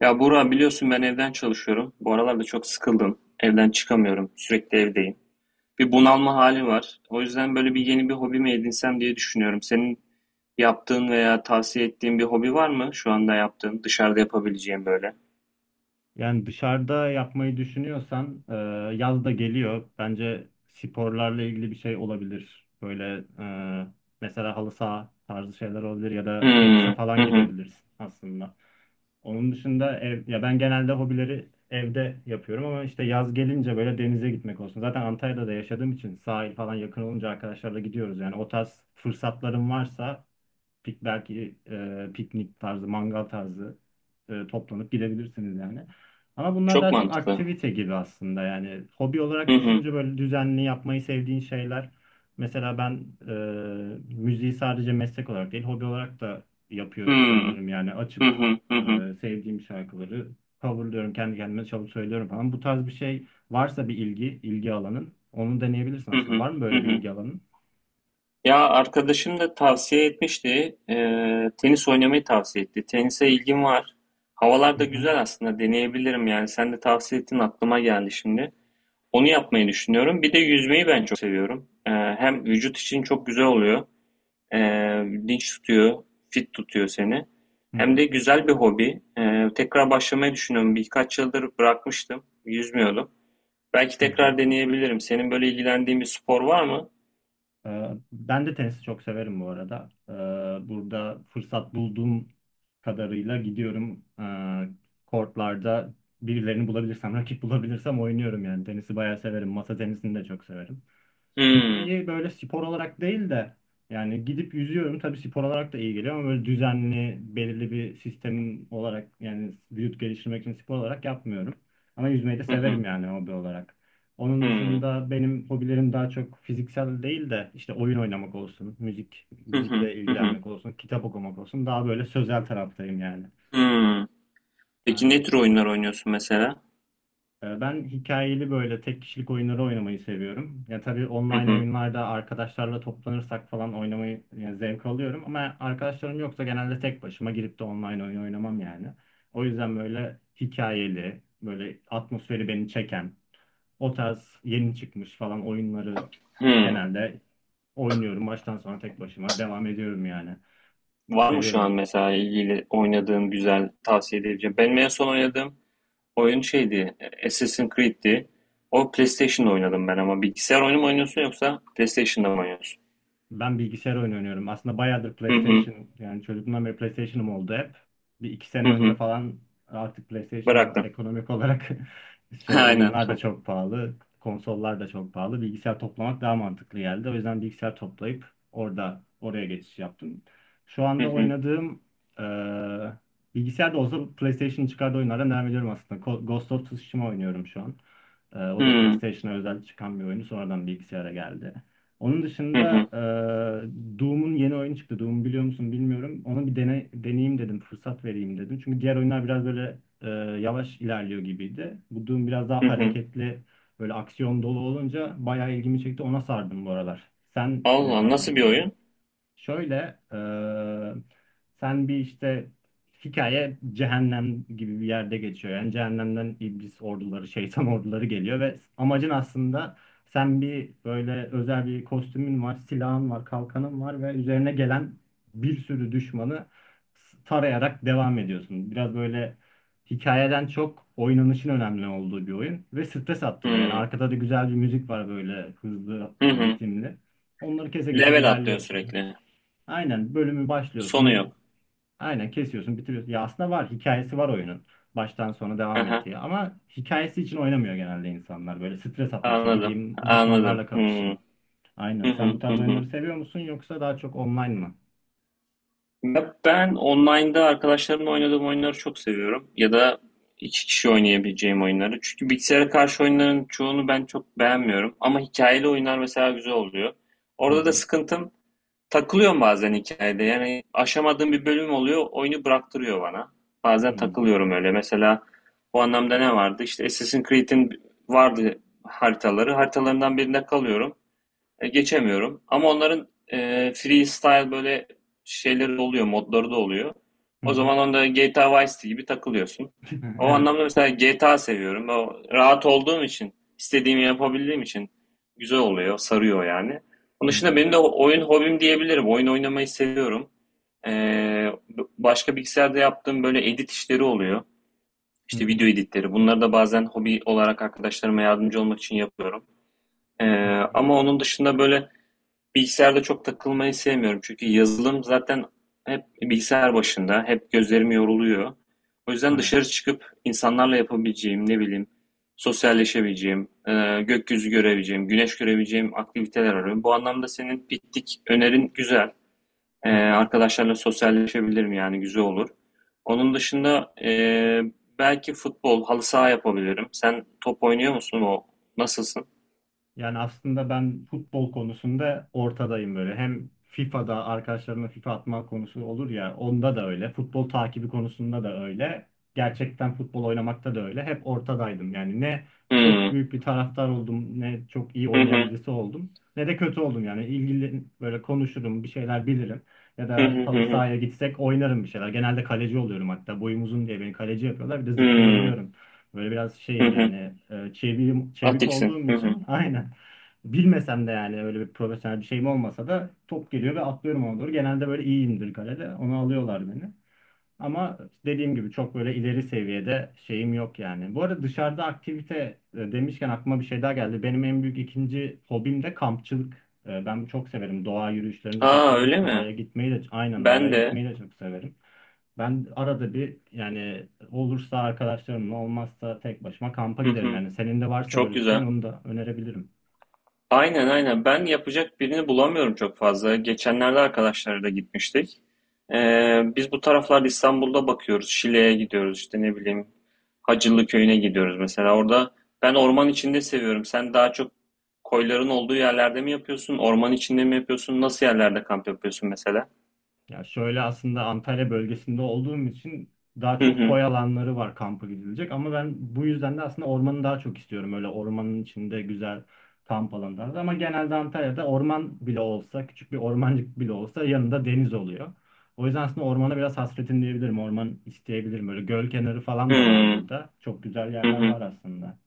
Ya Burak biliyorsun ben evden çalışıyorum. Bu aralarda çok sıkıldım. Evden çıkamıyorum. Sürekli evdeyim. Bir bunalma hali var. O yüzden böyle bir yeni bir hobi mi edinsem diye düşünüyorum. Senin yaptığın veya tavsiye ettiğin bir hobi var mı? Şu anda yaptığın, dışarıda yapabileceğim böyle. Yani dışarıda yapmayı düşünüyorsan yaz da geliyor. Bence sporlarla ilgili bir şey olabilir. Böyle e, mesela halı saha tarzı şeyler olabilir ya da Hmm, tenise hı falan hı. gidebilirsin aslında. Onun dışında ev, ya ben genelde hobileri evde yapıyorum ama işte yaz gelince böyle denize gitmek olsun. Zaten Antalya'da da yaşadığım için sahil falan yakın olunca arkadaşlarla gidiyoruz. Yani o tarz fırsatlarım varsa piknik tarzı, mangal tarzı toplanıp gidebilirsiniz yani. Ama bunlar Çok daha çok mantıklı. aktivite gibi aslında yani hobi olarak Hı hı. düşününce böyle düzenli yapmayı sevdiğin şeyler. Mesela ben müziği sadece meslek olarak değil hobi olarak da yapıyor Hmm, sayılırım yani hı açıp hı, hı hı, sevdiğim şarkıları coverlıyorum kendi kendime çalıp söylüyorum falan. Bu tarz bir şey varsa bir ilgi alanın onu deneyebilirsin hı aslında. hı, Var mı hı böyle bir hı. ilgi alanın? Ya arkadaşım da tavsiye etmişti. Tenis oynamayı tavsiye etti. Tenise ilgim var. Havalar Hı da hı. güzel aslında. Deneyebilirim yani. Sen de tavsiye ettin aklıma geldi şimdi. Onu yapmayı düşünüyorum. Bir de yüzmeyi ben çok seviyorum. Hem vücut için çok güzel oluyor. Dinç tutuyor, fit tutuyor seni. Hı Hem de hı. güzel bir hobi. Tekrar başlamayı düşünüyorum. Birkaç yıldır bırakmıştım. Yüzmüyordum. Belki Hı hı. tekrar deneyebilirim. Senin böyle ilgilendiğin bir spor var mı? Ben de tenisi çok severim bu arada. Burada fırsat bulduğum kadarıyla gidiyorum. Kortlarda birilerini bulabilirsem, rakip bulabilirsem oynuyorum yani. Tenisi bayağı severim. Masa tenisini de çok severim. Hmm. Yüzmeyi böyle spor olarak değil de yani gidip yüzüyorum tabii spor olarak da iyi geliyor ama böyle düzenli belirli bir sistemin olarak yani vücut geliştirmek için spor olarak yapmıyorum. Ama yüzmeyi de Hı hı. severim yani hobi olarak. Onun Hmm. dışında benim hobilerim daha çok fiziksel değil de işte oyun oynamak olsun, müzik Hı hı. müzikle Hı hı. ilgilenmek olsun, kitap okumak olsun. Daha böyle sözel taraftayım yani. Hımm. Peki ne Aynen. tür oyunlar oynuyorsun mesela? Ben hikayeli böyle tek kişilik oyunları oynamayı seviyorum. Ya tabii Hı online hı. oyunlarda arkadaşlarla toplanırsak falan oynamayı yani zevk alıyorum ama arkadaşlarım yoksa genelde tek başıma girip de online oyun oynamam yani. O yüzden böyle hikayeli, böyle atmosferi beni çeken, o tarz yeni çıkmış falan oyunları Hımm. genelde oynuyorum. Baştan sona tek başıma devam ediyorum yani. Var mı şu an Seviyorum. mesela ilgili oynadığın güzel tavsiye edebileceğin? Benim en son oynadığım oyun şeydi, Assassin's Creed'ti. O PlayStation'da oynadım ben ama bilgisayar oyunu mu oynuyorsun yoksa PlayStation'da mı oynuyorsun? Ben bilgisayar oyunu oynuyorum. Aslında bayağıdır Hı hı. PlayStation yani çocukluğumdan beri PlayStation'ım oldu hep. Bir iki Hı sene önce hı. falan artık PlayStation Bıraktım. ekonomik olarak şey Aynen. oyunlar da çok pahalı. Konsollar da çok pahalı. Bilgisayar toplamak daha mantıklı geldi. O yüzden bilgisayar toplayıp oraya geçiş yaptım. Şu Hı anda hı. oynadığım eee bilgisayarda olsa PlayStation'ın çıkardığı oyunlardan devam ediyorum aslında. Ghost of Tsushima oynuyorum şu an. O da Hımm. PlayStation'a özel çıkan bir oyunu. Sonradan bilgisayara geldi. Onun Hı dışında hı. Doom'un yeni oyunu çıktı. Doom biliyor musun bilmiyorum. Ona bir deneyeyim dedim, fırsat vereyim dedim. Çünkü diğer oyunlar biraz böyle yavaş ilerliyor gibiydi. Bu Doom biraz daha Hı hı. hareketli, böyle aksiyon dolu olunca bayağı ilgimi çekti. Ona sardım bu aralar. Sen ne Allah tarz nasıl bir oyun? oynuyorsun? Şöyle, e, sen bir işte hikaye cehennem gibi bir yerde geçiyor. Yani cehennemden iblis orduları, şeytan orduları geliyor ve amacın aslında sen bir böyle özel bir kostümün var, silahın var, kalkanın var ve üzerine gelen bir sürü düşmanı tarayarak devam ediyorsun. Biraz böyle hikayeden çok oynanışın önemli olduğu bir oyun ve stres attırıyor. Yani Hımm. arkada da güzel bir müzik var böyle hızlı, Hı hı. ritimli. Onları kese kese Level atlıyorsun ilerliyorsun. sürekli. Aynen bölümü Sonu yok. başlıyorsun. Aynen kesiyorsun, bitiriyorsun. Ya aslında var hikayesi var oyunun. Baştan sona devam Aha. ettiği ama hikayesi için oynamıyor genelde insanlar. Böyle stres atmak için Anladım. gideyim Anladım. düşmanlarla Hı. kapışayım. Aynen. Hı Sen hı bu hı tarz hı. oyunları seviyor musun yoksa daha çok online mı? Ya ben online'da arkadaşlarımla oynadığım oyunları çok seviyorum. Ya da iki kişi oynayabileceğim oyunları. Çünkü bilgisayara karşı oyunların çoğunu ben çok beğenmiyorum. Ama hikayeli oyunlar mesela güzel oluyor. Hı Orada da hı. sıkıntım takılıyorum bazen hikayede. Yani aşamadığım bir bölüm oluyor, oyunu bıraktırıyor bana. Hı Bazen hı. takılıyorum öyle. Mesela bu anlamda ne vardı? İşte Assassin's Creed'in vardı haritaları. Haritalarından birinde kalıyorum. Geçemiyorum. Ama onların freestyle böyle şeyleri de oluyor, modları da oluyor. Hı O hı. zaman onda GTA Vice City gibi takılıyorsun. O Evet. anlamda mesela GTA seviyorum. O rahat olduğum için, istediğimi yapabildiğim için güzel oluyor, sarıyor yani. Onun Hı dışında hı. benim de oyun hobim diyebilirim. Oyun oynamayı seviyorum. E, Başka bilgisayarda yaptığım böyle edit işleri oluyor. Hı İşte hı. video editleri. Bunları da bazen hobi olarak arkadaşlarıma yardımcı olmak için yapıyorum. E, Hı hı. Ama onun dışında böyle bilgisayarda çok takılmayı sevmiyorum. Çünkü yazılım zaten hep bilgisayar başında, hep gözlerim yoruluyor. O yüzden Evet. dışarı çıkıp insanlarla yapabileceğim, ne bileyim, sosyalleşebileceğim, gökyüzü görebileceğim, güneş görebileceğim aktiviteler arıyorum. Bu anlamda senin piknik önerin güzel. Hı hı. Arkadaşlarla sosyalleşebilirim yani güzel olur. Onun dışında belki futbol, halı saha yapabilirim. Sen top oynuyor musun o? Nasılsın? Yani aslında ben futbol konusunda ortadayım böyle. Hem FIFA'da arkadaşlarımla FIFA atma konusu olur ya onda da öyle. Futbol takibi konusunda da öyle. Gerçekten futbol oynamakta da öyle. Hep ortadaydım. Yani ne çok Hmm. büyük bir taraftar oldum, ne çok iyi Hı oynayan hı. birisi oldum, ne de kötü oldum. Yani ilgili böyle konuşurum, bir şeyler bilirim. Ya Hı da hı halı hı hı. sahaya gitsek oynarım bir şeyler. Genelde kaleci oluyorum hatta. Boyum uzun diye beni kaleci yapıyorlar. Bir de Hmm. zıplayabiliyorum. Böyle biraz Hı şeyim hı. yani çevik Atix'in. olduğum Hı hı. için aynen. Bilmesem de yani öyle bir profesyonel bir şeyim olmasa da top geliyor ve atlıyorum ona doğru. Genelde böyle iyiyimdir kalede. Onu alıyorlar beni. Ama dediğim gibi çok böyle ileri seviyede şeyim yok yani. Bu arada dışarıda aktivite demişken aklıma bir şey daha geldi. Benim en büyük ikinci hobim de kampçılık. Ben çok severim. Doğa yürüyüşlerini de çok Aa severim. öyle mi? Ben Doğaya de. gitmeyi de çok severim. Ben arada bir yani olursa arkadaşlarımla olmazsa tek başıma kampa Hı giderim. hı. Yani senin de varsa Çok böyle bir şeyin güzel. onu da önerebilirim. Aynen aynen. Ben yapacak birini bulamıyorum çok fazla. Geçenlerde arkadaşlarla gitmiştik. Biz bu taraflarda İstanbul'da bakıyoruz. Şile'ye gidiyoruz işte ne bileyim. Hacılı Köyü'ne gidiyoruz mesela. Orada ben orman içinde seviyorum. Sen daha çok koyların olduğu yerlerde mi yapıyorsun? Orman içinde mi yapıyorsun? Nasıl yerlerde kamp yapıyorsun mesela? Ya şöyle aslında Antalya bölgesinde olduğum için daha Hı çok hı. koy alanları var kampa gidilecek ama ben bu yüzden de aslında ormanı daha çok istiyorum. Öyle ormanın içinde güzel kamp alanları da. Ama genelde Antalya'da orman bile olsa küçük bir ormancık bile olsa yanında deniz oluyor. O yüzden aslında ormana biraz hasretim diyebilirim. Orman isteyebilirim. Böyle göl kenarı Hı falan da var hı. burada. Çok güzel Hı yerler hı. var aslında.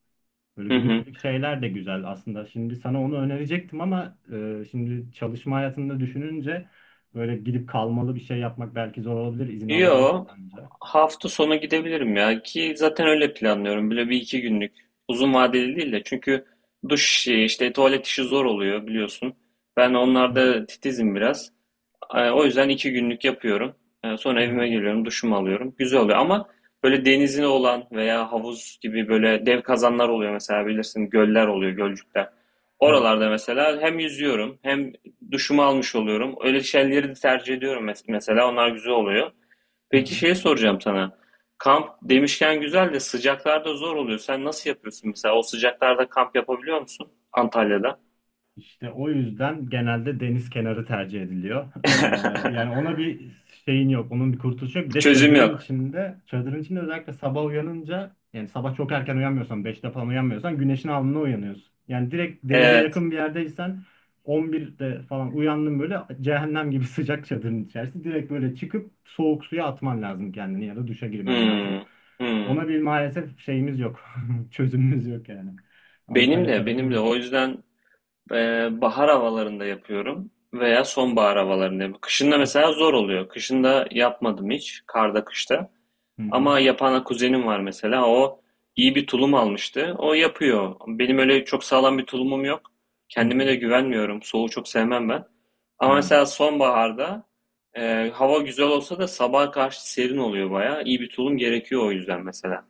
Böyle Hı hı. günübirlik şeyler de güzel aslında. Şimdi sana onu önerecektim ama şimdi çalışma hayatında düşününce böyle gidip kalmalı bir şey yapmak belki zor olabilir. İzin Yo, alabilirsin önce. hafta sonu gidebilirim ya ki zaten öyle planlıyorum. Böyle bir iki günlük uzun vadeli değil de çünkü duş işi işte tuvalet işi zor oluyor biliyorsun. Ben Hı hı. onlarda titizim biraz. O yüzden iki günlük yapıyorum. Hı Sonra evime hı. geliyorum duşumu alıyorum. Güzel oluyor ama böyle denizine olan veya havuz gibi böyle dev kazanlar oluyor mesela bilirsin göller oluyor gölcükler. Evet. Oralarda mesela hem yüzüyorum hem duşumu almış oluyorum. Öyle şeyleri de tercih ediyorum mesela onlar güzel oluyor. Hı Peki hı. şey soracağım sana. Kamp demişken güzel de sıcaklarda zor oluyor. Sen nasıl yapıyorsun mesela? O sıcaklarda kamp yapabiliyor musun Antalya'da? İşte o yüzden genelde deniz kenarı tercih ediliyor. Yani ona bir şeyin yok, onun bir kurtuluşu yok. Bir de Çözüm çadırın yok. içinde, çadırın içinde özellikle sabah uyanınca, yani sabah çok erken uyanmıyorsan, 5'te falan uyanmıyorsan güneşin alnına uyanıyorsun. Yani direkt denize Evet. yakın bir yerdeysen 11'de falan uyandın böyle cehennem gibi sıcak çadırın içerisinde direkt böyle çıkıp soğuk suya atman lazım kendini ya da duşa girmen lazım. Hmm. Hmm. Ona bir maalesef şeyimiz yok. Çözümümüz yok yani. Benim Antalya de, tarafı benim de. böyle. O yüzden e, bahar havalarında yapıyorum veya sonbahar havalarında yapıyorum. Kışında As- mesela zor oluyor. Kışında yapmadım hiç. Karda, kışta. Hı hı. Ama yapan kuzenim var mesela. O iyi bir tulum almıştı. O yapıyor. Benim öyle çok sağlam bir tulumum yok. Hı Kendime hı. de güvenmiyorum. Soğuğu çok sevmem ben. Ama Ha. mesela sonbaharda hava güzel olsa da sabaha karşı serin oluyor bayağı. İyi bir tulum gerekiyor o yüzden mesela.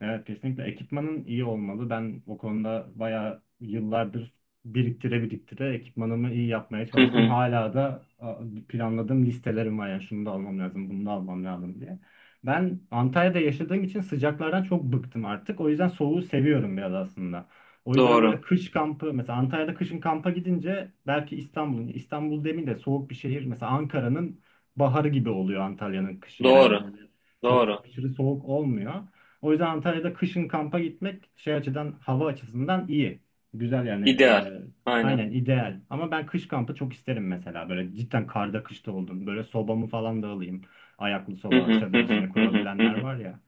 Evet kesinlikle ekipmanın iyi olmalı. Ben o konuda bayağı yıllardır biriktire biriktire ekipmanımı iyi yapmaya Hı çalıştım. hı. Hala da planladığım listelerim var yani şunu da almam lazım, bunu da almam lazım diye. Ben Antalya'da yaşadığım için sıcaklardan çok bıktım artık. O yüzden soğuğu seviyorum biraz aslında. O yüzden böyle Doğru. kış kampı mesela Antalya'da kışın kampa gidince belki İstanbul demeyeyim de soğuk bir şehir mesela Ankara'nın baharı gibi oluyor Antalya'nın kışı yani Doğru. böyle çok Doğru. aşırı soğuk olmuyor. O yüzden Antalya'da kışın kampa gitmek şey açıdan hava açısından iyi. Güzel yani İdeal. Aynen. aynen ideal. Ama ben kış kampı çok isterim mesela. Böyle cidden karda kışta oldum. Böyle sobamı falan da alayım. Ayaklı Hı soba, hı hı çadır hı içine hı hı kurabilenler hı. var ya.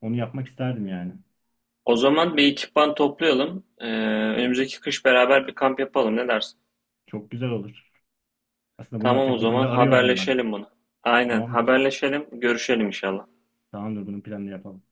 Onu yapmak isterdim yani. O zaman bir ekipman toplayalım. Önümüzdeki kış beraber bir kamp yapalım. Ne dersin? Çok güzel olur. Aslında bunu Tamam o yapacak birini de zaman arıyordum ben. haberleşelim bunu. Aynen Tamamdır. haberleşelim, görüşelim inşallah. Tamamdır bunun planını yapalım.